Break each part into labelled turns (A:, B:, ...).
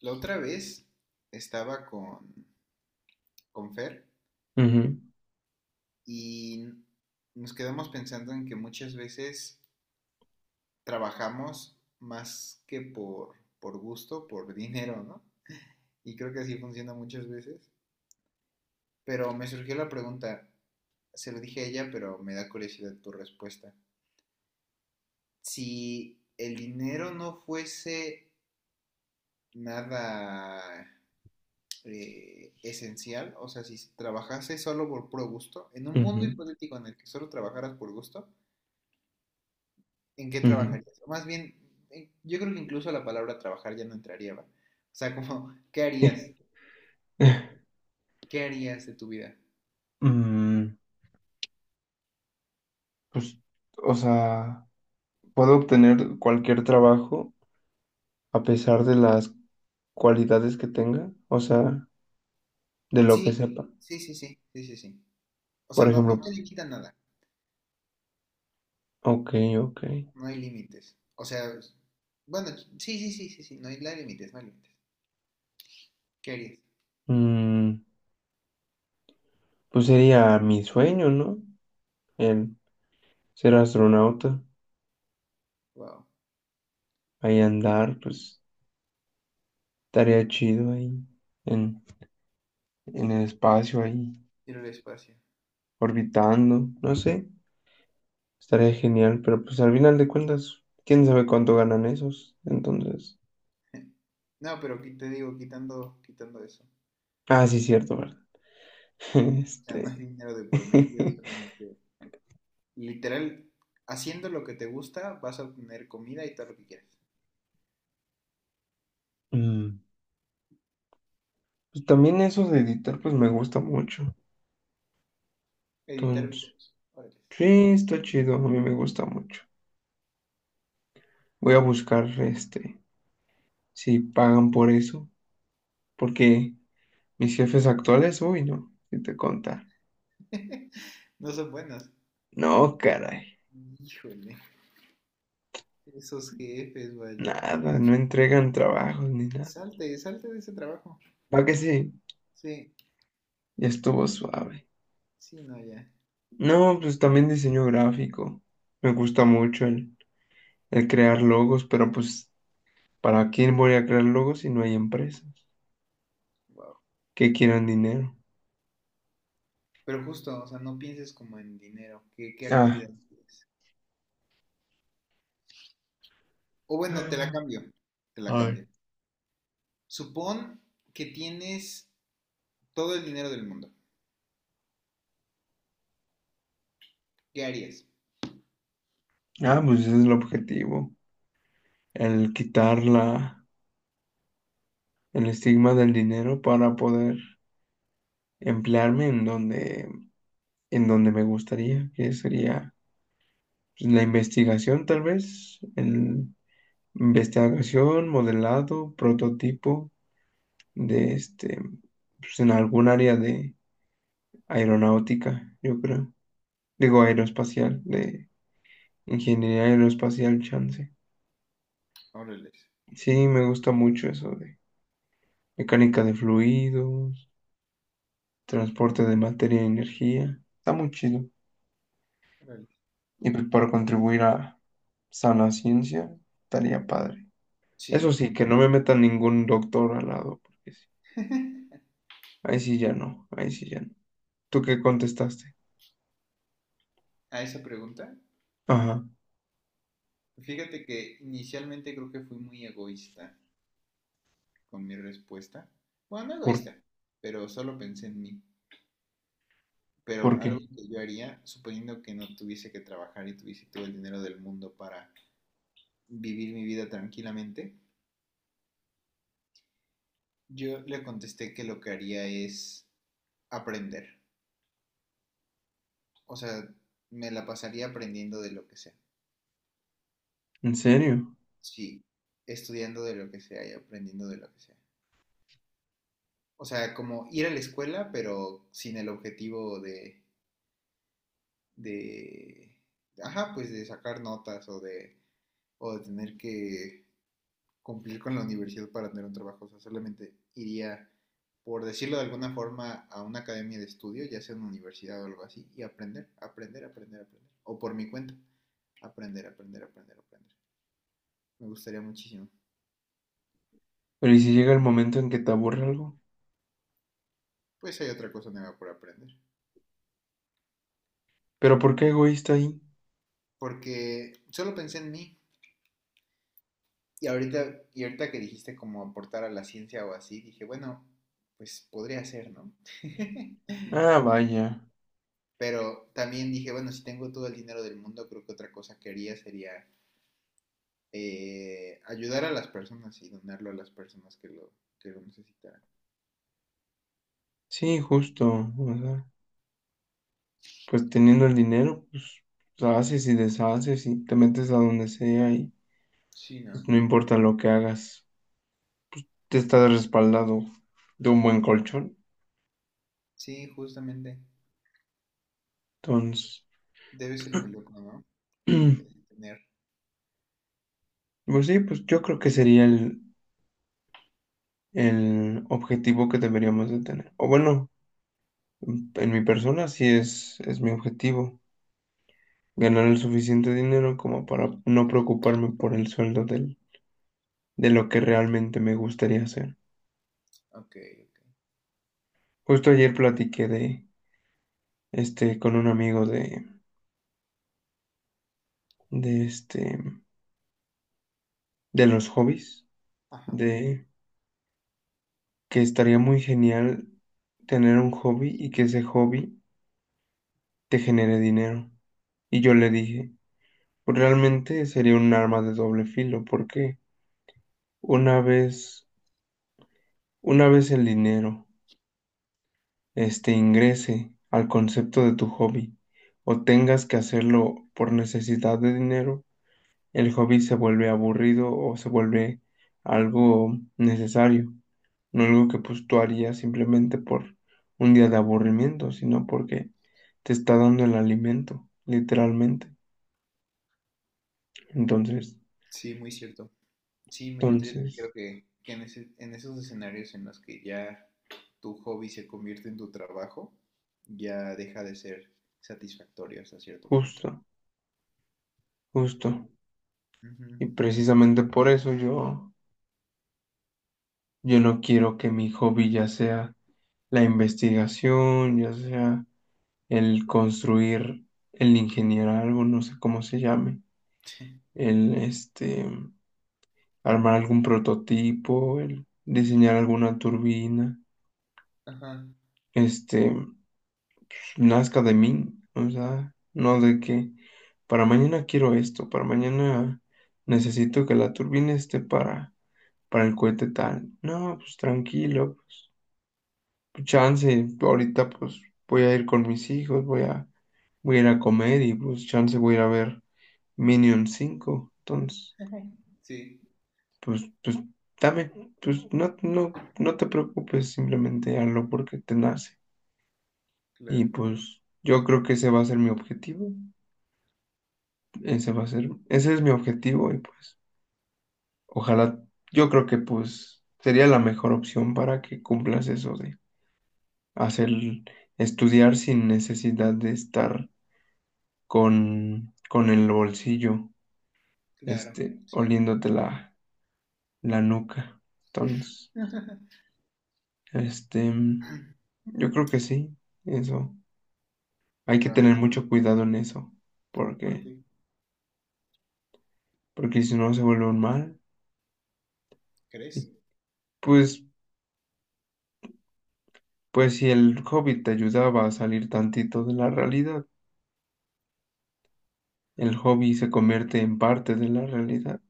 A: La otra vez estaba con Fer
B: Ujú,
A: y nos quedamos pensando en que muchas veces trabajamos más que por gusto, por dinero, ¿no? Y creo que así funciona muchas veces. Pero me surgió la pregunta, se lo dije a ella, pero me da curiosidad tu respuesta. Si el dinero no fuese nada esencial, o sea, si trabajase solo por puro gusto, en un mundo
B: ujú,
A: hipotético en el que solo trabajaras por gusto, ¿en qué
B: ujú.
A: trabajarías? O más bien, yo creo que incluso la palabra trabajar ya no entraría, ¿va? O sea, como, ¿qué harías? ¿Qué harías de tu vida?
B: Mm, pues, o sea, Puedo obtener cualquier trabajo a pesar de las cualidades que tenga, o sea, de lo que
A: Sí,
B: sepa.
A: sí, sí, sí, sí, sí, sí. O sea,
B: Por
A: no, no te
B: ejemplo,
A: limita nada,
B: ok, ok.
A: no hay límites. O sea, bueno, sí, sí, sí, sí, sí, no hay límites, no hay límites. ¿Qué harías?
B: Mm, pues sería mi sueño, ¿no? El ser astronauta,
A: Wow,
B: ahí andar, pues estaría chido ahí en, en el espacio, ahí
A: ir al espacio.
B: orbitando, no sé. Estaría genial, pero pues al final de cuentas, quién sabe cuánto ganan esos. Entonces,
A: No, pero te digo, quitando eso.
B: ah, sí, cierto, ¿verdad?
A: O sea, no hay
B: Este,
A: dinero de por medio, solamente literal, haciendo lo que te gusta, vas a obtener comida y todo lo que quieras.
B: mm, pues también eso de editar, pues me gusta mucho.
A: Editar
B: Entonces,
A: videos, órale.
B: sí, está chido, a mí me gusta mucho. Voy a buscar, si pagan por eso, porque mis jefes actuales, uy, no, si te contar.
A: No son buenos.
B: No, caray,
A: Híjole, esos jefes, vaya.
B: nada, no entregan trabajos ni nada.
A: Salte, salte de ese trabajo.
B: ¿Para que sí?
A: Sí,
B: Ya estuvo suave.
A: sí, no, ya.
B: No, pues también diseño gráfico. Me gusta mucho el crear logos, pero pues, ¿para quién voy a crear logos si no hay empresas
A: Wow.
B: que quieran dinero?
A: Pero justo, o sea, no pienses como en dinero. ¿Qué, qué
B: Ah,
A: actividad quieres? O bueno, te la cambio. Te la
B: ay.
A: cambio. Supón que tienes todo el dinero del mundo. ¿Qué harías?
B: Ah, pues ese es el objetivo, el quitar la, el estigma del dinero para poder emplearme en donde me gustaría, que sería pues, la investigación tal vez, el investigación, modelado, prototipo de este, pues en algún área de aeronáutica, yo creo. Digo aeroespacial, de ingeniería aeroespacial, chance.
A: Órale.
B: Sí, me gusta mucho eso de mecánica de fluidos, transporte de materia y energía. Está muy chido.
A: Órale.
B: Y pues para contribuir a sana ciencia, estaría padre. Eso
A: Sí,
B: sí, que no me meta ningún doctor al lado, porque sí. Ahí sí ya no, ahí sí ya no. ¿Tú qué contestaste?
A: a esa pregunta,
B: Ajá,
A: fíjate que inicialmente creo que fui muy egoísta con mi respuesta. Bueno, no
B: ¿por,
A: egoísta, pero solo pensé en mí. Pero
B: por
A: algo
B: qué?
A: que yo haría, suponiendo que no tuviese que trabajar y tuviese todo el dinero del mundo para vivir mi vida tranquilamente, yo le contesté que lo que haría es aprender. O sea, me la pasaría aprendiendo de lo que sea.
B: ¿En serio?
A: Sí, estudiando de lo que sea y aprendiendo de lo que sea. O sea, como ir a la escuela, pero sin el objetivo de ajá, pues de sacar notas o de tener que cumplir con la universidad para tener un trabajo. O sea, solamente iría, por decirlo de alguna forma, a una academia de estudio, ya sea una universidad o algo así, y aprender, aprender, aprender, aprender. O por mi cuenta, aprender, aprender, aprender, aprender. Me gustaría muchísimo.
B: Pero ¿y si llega el momento en que te aburre algo?
A: Pues hay otra cosa nueva por aprender.
B: ¿Pero por qué egoísta ahí?
A: Porque solo pensé en mí. Y ahorita que dijiste como aportar a la ciencia o así, dije, bueno, pues podría ser, ¿no?
B: Ah, vaya.
A: Pero también dije, bueno, si tengo todo el dinero del mundo, creo que otra cosa que haría sería ayudar a las personas y donarlo a las personas que lo necesitaran.
B: Sí, justo. O sea, pues teniendo el dinero, pues haces y deshaces y te metes a donde sea y
A: Sí,
B: pues,
A: ¿no?
B: no importa lo que hagas. Te estás respaldado de un buen colchón.
A: Sí, justamente.
B: Entonces,
A: Debe ser muy loco, ¿no? El tener.
B: pues sí, pues yo creo que sería el objetivo que deberíamos de tener. O bueno, en mi persona sí es mi objetivo. Ganar el suficiente dinero como para no preocuparme por el sueldo del, de lo que realmente me gustaría hacer.
A: Ok, ok.
B: Justo ayer platiqué de con un amigo de de los hobbies,
A: Ajá.
B: de que estaría muy genial tener un hobby y que ese hobby te genere dinero. Y yo le dije, pues realmente sería un arma de doble filo, porque una vez, una vez el dinero ingrese al concepto de tu hobby o tengas que hacerlo por necesidad de dinero, el hobby se vuelve aburrido o se vuelve algo necesario, no algo que pues tú harías simplemente por un día de aburrimiento, sino porque te está dando el alimento, literalmente. Entonces,
A: Sí, muy cierto. Sí, muy cierto. Yo también creo
B: entonces,
A: que en esos escenarios en los que ya tu hobby se convierte en tu trabajo, ya deja de ser satisfactorio hasta cierto punto.
B: justo, justo.
A: Ujú.
B: Y precisamente por eso yo no quiero que mi hobby ya sea la investigación, ya sea el construir, el ingeniar algo, no sé cómo se llame, el este, armar algún prototipo, el diseñar alguna turbina,
A: Ajá.
B: este, nazca de mí, o sea, no de que para mañana quiero esto, para mañana necesito que la turbina esté para el cohete tal. No, pues tranquilo, chance, ahorita pues voy a ir con mis hijos, voy a ir a comer y pues chance voy a ir a ver Minion 5. Entonces,
A: Ujú. Sí,
B: pues, dame, pues no te preocupes, simplemente hazlo porque te nace. Y
A: claro,
B: pues yo creo que ese va a ser mi objetivo, ese va a ser, ese es mi objetivo y pues ojalá, yo creo que pues sería la mejor opción para que cumplas eso de hacer, estudiar sin necesidad de estar con el bolsillo,
A: claro, sí.
B: oliéndote la nuca. Entonces, este, yo creo que sí, eso. Hay que
A: Wow,
B: tener mucho cuidado en eso, porque,
A: porque
B: porque si no se vuelve un mal. Y
A: crees,
B: pues, pues si el hobby te ayudaba a salir tantito de la realidad, el hobby se convierte en parte de la realidad.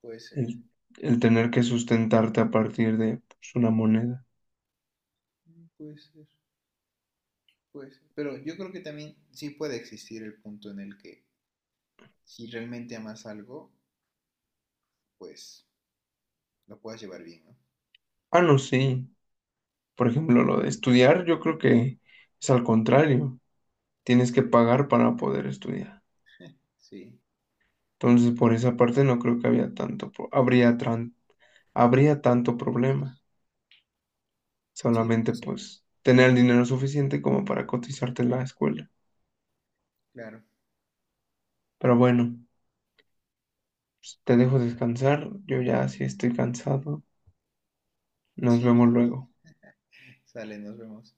A: puede ser,
B: El, el tener que sustentarte a partir de pues, una moneda.
A: mm, puede ser, puede ser. Pero yo creo que también sí puede existir el punto en el que si realmente amas algo, pues lo puedas llevar bien, ¿no?
B: Ah, no, sí. Por ejemplo, lo de estudiar, yo creo que es al contrario, tienes que pagar para poder estudiar.
A: Sí,
B: Entonces, por esa parte no creo que había tanto, pro- habría, tran- habría tanto problema.
A: sí,
B: Solamente
A: puede ser,
B: pues tener el dinero suficiente como para cotizarte en la escuela.
A: claro.
B: Pero bueno, pues, te dejo descansar, yo ya sí estoy cansado. Nos
A: Sí, yo-
B: vemos luego.
A: sale, nos vemos.